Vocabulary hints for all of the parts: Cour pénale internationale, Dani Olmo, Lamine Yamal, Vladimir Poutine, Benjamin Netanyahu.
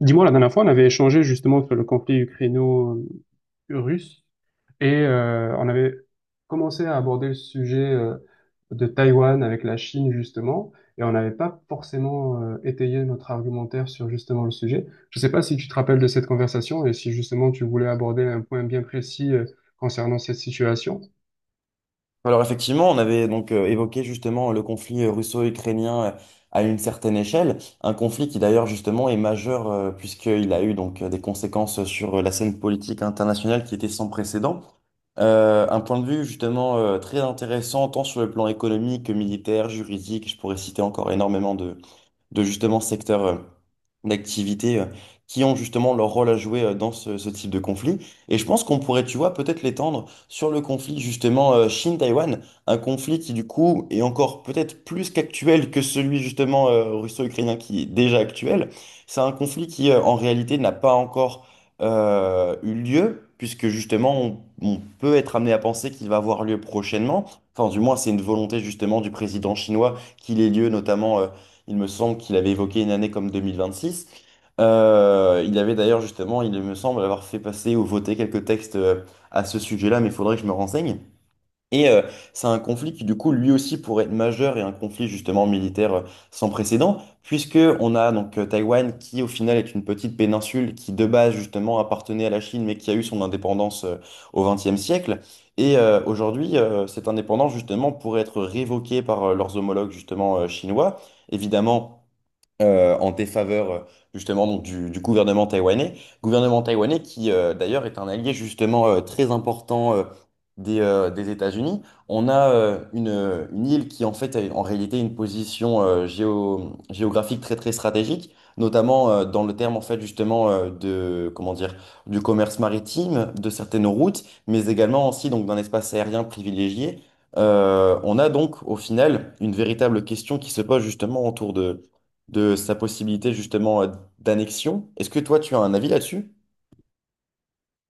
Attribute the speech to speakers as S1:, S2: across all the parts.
S1: Dis-moi, la dernière fois, on avait échangé justement sur le conflit ukraino-russe et on avait commencé à aborder le sujet de Taïwan avec la Chine justement et on n'avait pas forcément étayé notre argumentaire sur justement le sujet. Je ne sais pas si tu te rappelles de cette conversation et si justement tu voulais aborder un point bien précis concernant cette situation.
S2: Alors effectivement, on avait donc évoqué justement le conflit russo-ukrainien à une certaine échelle, un conflit qui d'ailleurs justement est majeur puisqu'il a eu donc des conséquences sur la scène politique internationale qui était sans précédent. Un point de vue justement très intéressant tant sur le plan économique que militaire, juridique, je pourrais citer encore énormément de justement secteurs d'activité qui ont justement leur rôle à jouer dans ce type de conflit. Et je pense qu'on pourrait, tu vois, peut-être l'étendre sur le conflit justement Chine-Taïwan, un conflit qui du coup est encore peut-être plus qu'actuel que celui justement russo-ukrainien qui est déjà actuel. C'est un conflit qui en réalité n'a pas encore eu lieu, puisque justement on peut être amené à penser qu'il va avoir lieu prochainement. Enfin, du moins, c'est une volonté justement du président chinois qu'il ait lieu notamment il me semble qu'il avait évoqué une année comme 2026. Il avait d'ailleurs justement, il me semble, avoir fait passer ou voter quelques textes à ce sujet-là, mais il faudrait que je me renseigne. Et euh, c'est un conflit qui, du coup, lui aussi pourrait être majeur et un conflit justement militaire sans précédent, puisque on a donc Taïwan qui, au final, est une petite péninsule qui, de base, justement, appartenait à la Chine, mais qui a eu son indépendance au XXe siècle. Et aujourd'hui, cette indépendance, justement, pourrait être révoquée par leurs homologues, justement, chinois. Évidemment en défaveur justement donc, du gouvernement taïwanais. Gouvernement taïwanais qui d'ailleurs est un allié justement très important des États-Unis. On a une île qui en fait a en réalité une position géographique très très stratégique, notamment dans le terme en fait justement de comment dire du commerce maritime, de certaines routes, mais également aussi donc d'un espace aérien privilégié. On a donc au final une véritable question qui se pose justement autour de sa possibilité justement d'annexion. Est-ce que toi, tu as un avis là-dessus?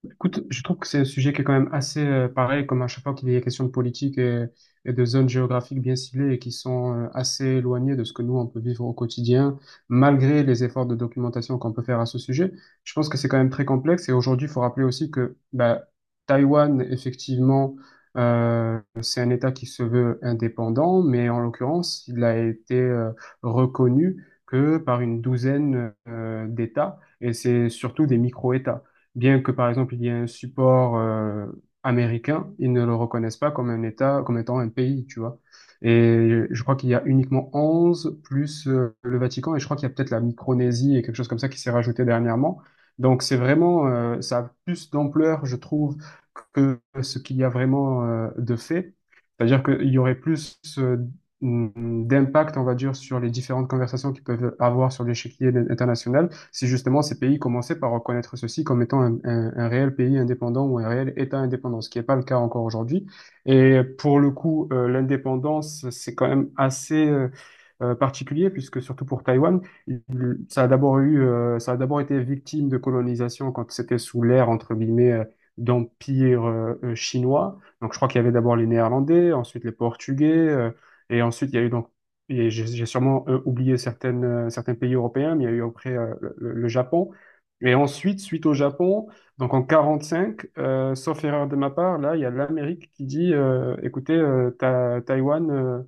S1: Écoute, je trouve que c'est un sujet qui est quand même assez pareil, comme à chaque fois qu'il y a question de politique et de zones géographiques bien ciblées et qui sont assez éloignées de ce que nous, on peut vivre au quotidien, malgré les efforts de documentation qu'on peut faire à ce sujet. Je pense que c'est quand même très complexe et aujourd'hui, il faut rappeler aussi que bah, Taïwan, effectivement, c'est un État qui se veut indépendant, mais en l'occurrence, il a été reconnu que par une douzaine d'États et c'est surtout des micro-États. Bien que, par exemple, il y ait un support américain, ils ne le reconnaissent pas comme un État, comme étant un pays, tu vois. Et je crois qu'il y a uniquement 11 plus le Vatican, et je crois qu'il y a peut-être la Micronésie et quelque chose comme ça qui s'est rajouté dernièrement. Donc c'est vraiment, ça a plus d'ampleur, je trouve, que ce qu'il y a vraiment de fait. C'est-à-dire qu'il y aurait plus d'impact, on va dire, sur les différentes conversations qu'ils peuvent avoir sur l'échiquier international si justement ces pays commençaient par reconnaître ceci comme étant un réel pays indépendant ou un réel État indépendant, ce qui n'est pas le cas encore aujourd'hui. Et pour le coup, l'indépendance, c'est quand même assez particulier, puisque surtout pour Taïwan, il- ça a d'abord ça a d'abord été victime de colonisation quand c'était sous l'ère, entre guillemets, d'empire chinois. Donc je crois qu'il y avait d'abord les Néerlandais, ensuite les Portugais, et ensuite il y a eu donc et j'ai sûrement oublié certains pays européens, mais il y a eu après le Japon. Et ensuite, suite au Japon, donc en 45, sauf erreur de ma part, là, il y a l'Amérique qui dit, écoutez, Taïwan, euh,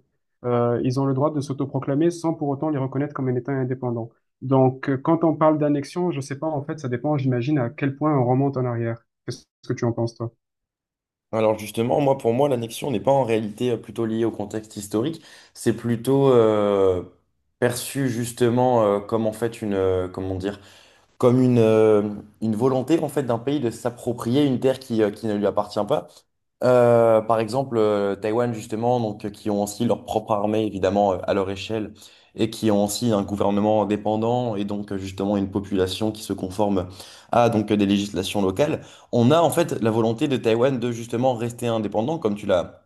S1: euh, ils ont le droit de s'autoproclamer sans pour autant les reconnaître comme un État indépendant. Donc, quand on parle d'annexion, je sais pas, en fait, ça dépend, j'imagine, à quel point on remonte en arrière. Qu'est-ce que tu en penses, toi?
S2: Alors justement, moi pour moi, l'annexion n'est pas en réalité plutôt liée au contexte historique, c'est plutôt perçu justement comme en fait une, comme une volonté en fait d'un pays de s'approprier une terre qui ne lui appartient pas. Par exemple, Taïwan, justement, donc, qui ont aussi leur propre armée, évidemment, à leur échelle, et qui ont aussi un gouvernement indépendant, et donc, justement, une population qui se conforme à donc, des législations locales. On a, en fait, la volonté de Taïwan de, justement, rester indépendant, comme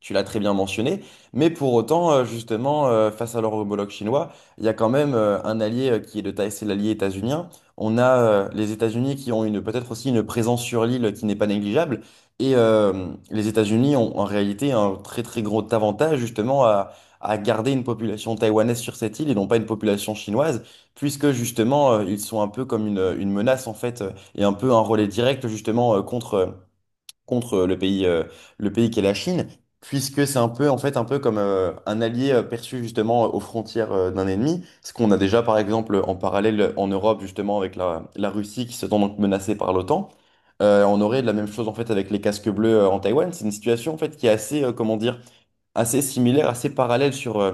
S2: tu l'as très bien mentionné, mais pour autant, justement, face à leur homologue chinois, il y a quand même un allié qui est de taille, c'est l'allié états-unien. On a les États-Unis qui ont une peut-être aussi une présence sur l'île qui n'est pas négligeable, et les États-Unis ont en réalité un très très gros avantage justement à garder une population taïwanaise sur cette île et non pas une population chinoise, puisque justement ils sont un peu comme une menace en fait et un peu un relais direct justement contre contre le pays, le pays qu'est la Chine, puisque c'est un peu, en fait, un peu comme un allié perçu justement aux frontières d'un ennemi. Ce qu'on a déjà, par exemple, en parallèle en Europe, justement, avec la Russie qui se sent donc menacée par l'OTAN. On aurait la même chose, en fait, avec les casques bleus en Taïwan. C'est une situation, en fait, qui est assez, assez similaires, assez parallèles sur,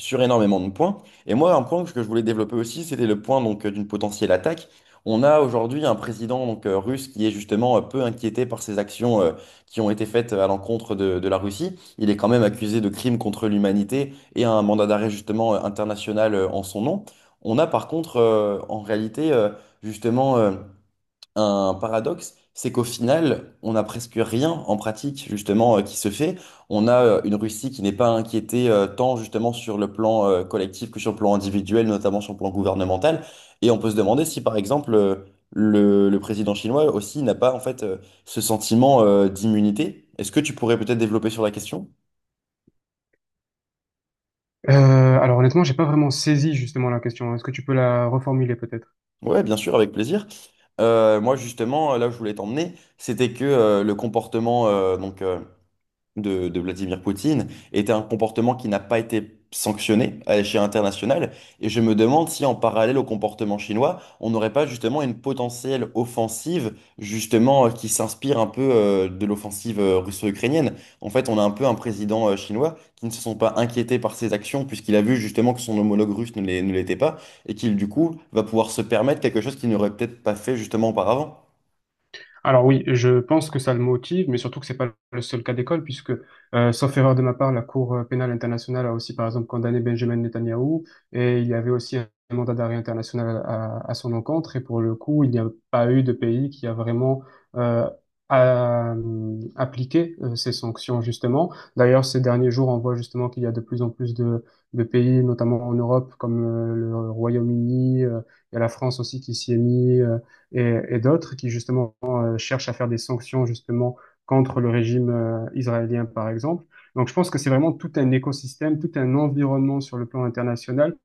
S2: sur énormément de points. Et moi, un point que je voulais développer aussi, c'était le point donc d'une potentielle attaque. On a aujourd'hui un président donc, russe qui est justement peu inquiété par ces actions qui ont été faites à l'encontre de la Russie. Il est quand même accusé de crimes contre l'humanité et a un mandat d'arrêt justement international en son nom. On a par contre en réalité justement un paradoxe, c'est qu'au final, on n'a presque rien en pratique justement qui se fait. On a une Russie qui n'est pas inquiétée tant justement sur le plan collectif que sur le plan individuel, notamment sur le plan gouvernemental. Et on peut se demander si par exemple le président chinois aussi n'a pas en fait ce sentiment d'immunité. Est-ce que tu pourrais peut-être développer sur la question?
S1: Euh, alors honnêtement, j'ai pas vraiment saisi justement la question. Est-ce que tu peux la reformuler peut-être?
S2: Ouais, bien sûr, avec plaisir. Moi justement, là où je voulais t'emmener, c'était que le comportement de Vladimir Poutine était un comportement qui n'a pas été sanctionné à l'échelle internationale. Et je me demande si en parallèle au comportement chinois, on n'aurait pas justement une potentielle offensive justement qui s'inspire un peu de l'offensive russo-ukrainienne. En fait, on a un peu un président chinois qui ne se sont pas inquiétés par ses actions puisqu'il a vu justement que son homologue russe ne l'était pas et qu'il du coup va pouvoir se permettre quelque chose qu'il n'aurait peut-être pas fait justement auparavant.
S1: Alors oui, je pense que ça le motive, mais surtout que c'est pas le seul cas d'école, puisque, sauf erreur de ma part, la Cour pénale internationale a aussi, par exemple, condamné Benjamin Netanyahou, et il y avait aussi un mandat d'arrêt international à son encontre, et pour le coup, il n'y a pas eu de pays qui a vraiment euh, appliqué ces sanctions, justement. D'ailleurs, ces derniers jours, on voit justement qu'il y a de plus en plus de pays, notamment en Europe, comme le Royaume-Uni, il y a la France aussi qui s'y est mis. Et d'autres qui justement cherche à faire des sanctions justement contre le régime israélien, par exemple. Donc je pense que c'est vraiment tout un écosystème, tout un environnement sur le plan international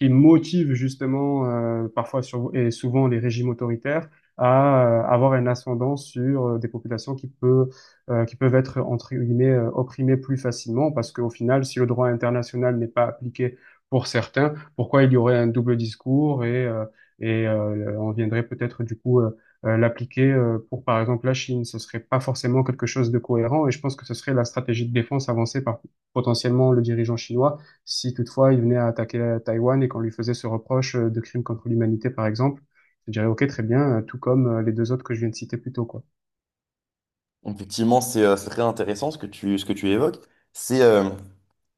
S1: qui motive justement parfois sur, et souvent les régimes autoritaires à avoir un ascendant sur des populations qui peuvent être entre guillemets opprimées plus facilement parce qu'au final, si le droit international n'est pas appliqué pour certains, pourquoi il y aurait un double discours on viendrait peut-être du coup l'appliquer pour par exemple la Chine, ce serait pas forcément quelque chose de cohérent et je pense que ce serait la stratégie de défense avancée par potentiellement le dirigeant chinois si toutefois il venait à attaquer Taïwan et qu'on lui faisait ce reproche de crime contre l'humanité, par exemple, je dirais, OK, très bien, tout comme les deux autres que je viens de citer plus tôt, quoi.
S2: Effectivement, c'est très intéressant ce que ce que tu évoques. C'est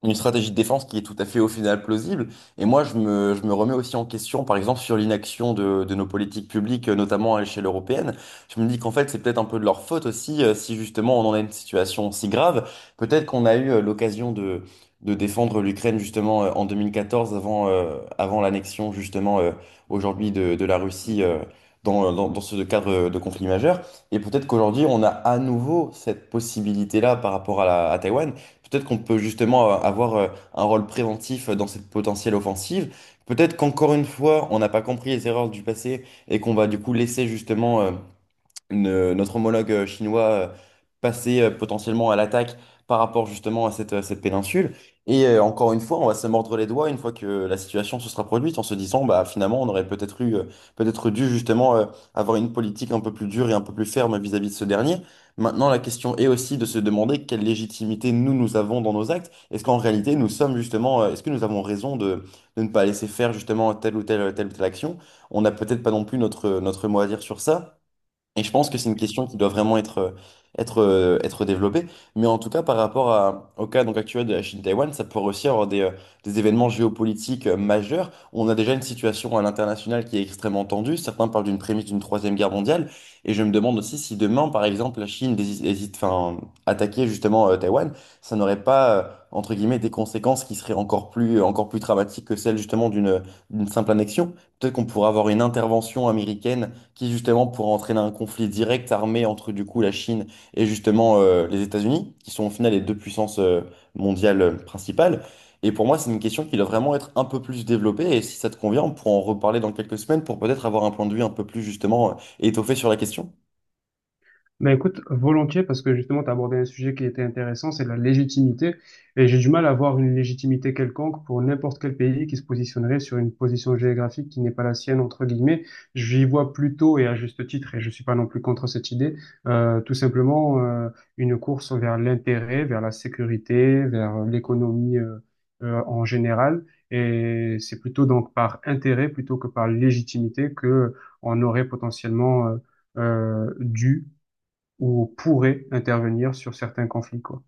S2: Une stratégie de défense qui est tout à fait au final plausible. Et moi, je me remets aussi en question, par exemple, sur l'inaction de nos politiques publiques, notamment à l'échelle européenne. Je me dis qu'en fait, c'est peut-être un peu de leur faute aussi, si justement on en a une situation si grave. Peut-être qu'on a eu l'occasion de défendre l'Ukraine justement en 2014, avant, avant l'annexion justement aujourd'hui de la Russie. Dans ce cadre de conflit majeur. Et peut-être qu'aujourd'hui, on a à nouveau cette possibilité-là par rapport à à Taïwan. Peut-être qu'on peut justement avoir un rôle préventif dans cette potentielle offensive. Peut-être qu'encore une fois, on n'a pas compris les erreurs du passé et qu'on va du coup laisser justement notre homologue chinois passer potentiellement à l'attaque par rapport justement à à cette péninsule. Encore une fois, on va se mordre les doigts une fois que la situation se sera produite en se disant, bah finalement, on aurait peut-être eu, peut-être dû justement avoir une politique un peu plus dure et un peu plus ferme vis-à-vis de ce dernier. Maintenant, la question est aussi de se demander quelle légitimité nous avons dans nos actes. Est-ce qu'en réalité, nous sommes justement, est-ce que nous avons raison de ne pas laisser faire justement telle ou telle action? On n'a peut-être pas non plus notre mot à dire sur ça. Et je pense que c'est une question qui doit vraiment être développée. Mais en tout cas, par rapport au cas donc, actuel de la Chine-Taïwan, ça pourrait aussi avoir des événements géopolitiques majeurs. On a déjà une situation à l'international qui est extrêmement tendue. Certains parlent d'une prémisse d'une troisième guerre mondiale. Et je me demande aussi si demain, par exemple, la Chine hésite, enfin, attaquer justement Taïwan, ça n'aurait pas, entre guillemets, des conséquences qui seraient encore plus dramatiques que celles justement d'une d'une simple annexion. Peut-être qu'on pourrait avoir une intervention américaine qui justement pourrait entraîner un conflit direct armé entre du coup la Chine et justement les États-Unis, qui sont au final les deux puissances mondiales principales. Et pour moi, c'est une question qui doit vraiment être un peu plus développée. Et si ça te convient, on pourra en reparler dans quelques semaines pour peut-être avoir un point de vue un peu plus justement étoffé sur la question.
S1: Ben écoute, volontiers, parce que justement, tu as abordé un sujet qui était intéressant, c'est la légitimité. Et j'ai du mal à voir une légitimité quelconque pour n'importe quel pays qui se positionnerait sur une position géographique qui n'est pas la sienne, entre guillemets. J'y vois plutôt, et à juste titre, et je suis pas non plus contre cette idée, tout simplement une course vers l'intérêt, vers la sécurité, vers l'économie en général. Et c'est plutôt donc par intérêt plutôt que par légitimité que on aurait potentiellement... dû ou pourrait intervenir sur certains conflits, quoi.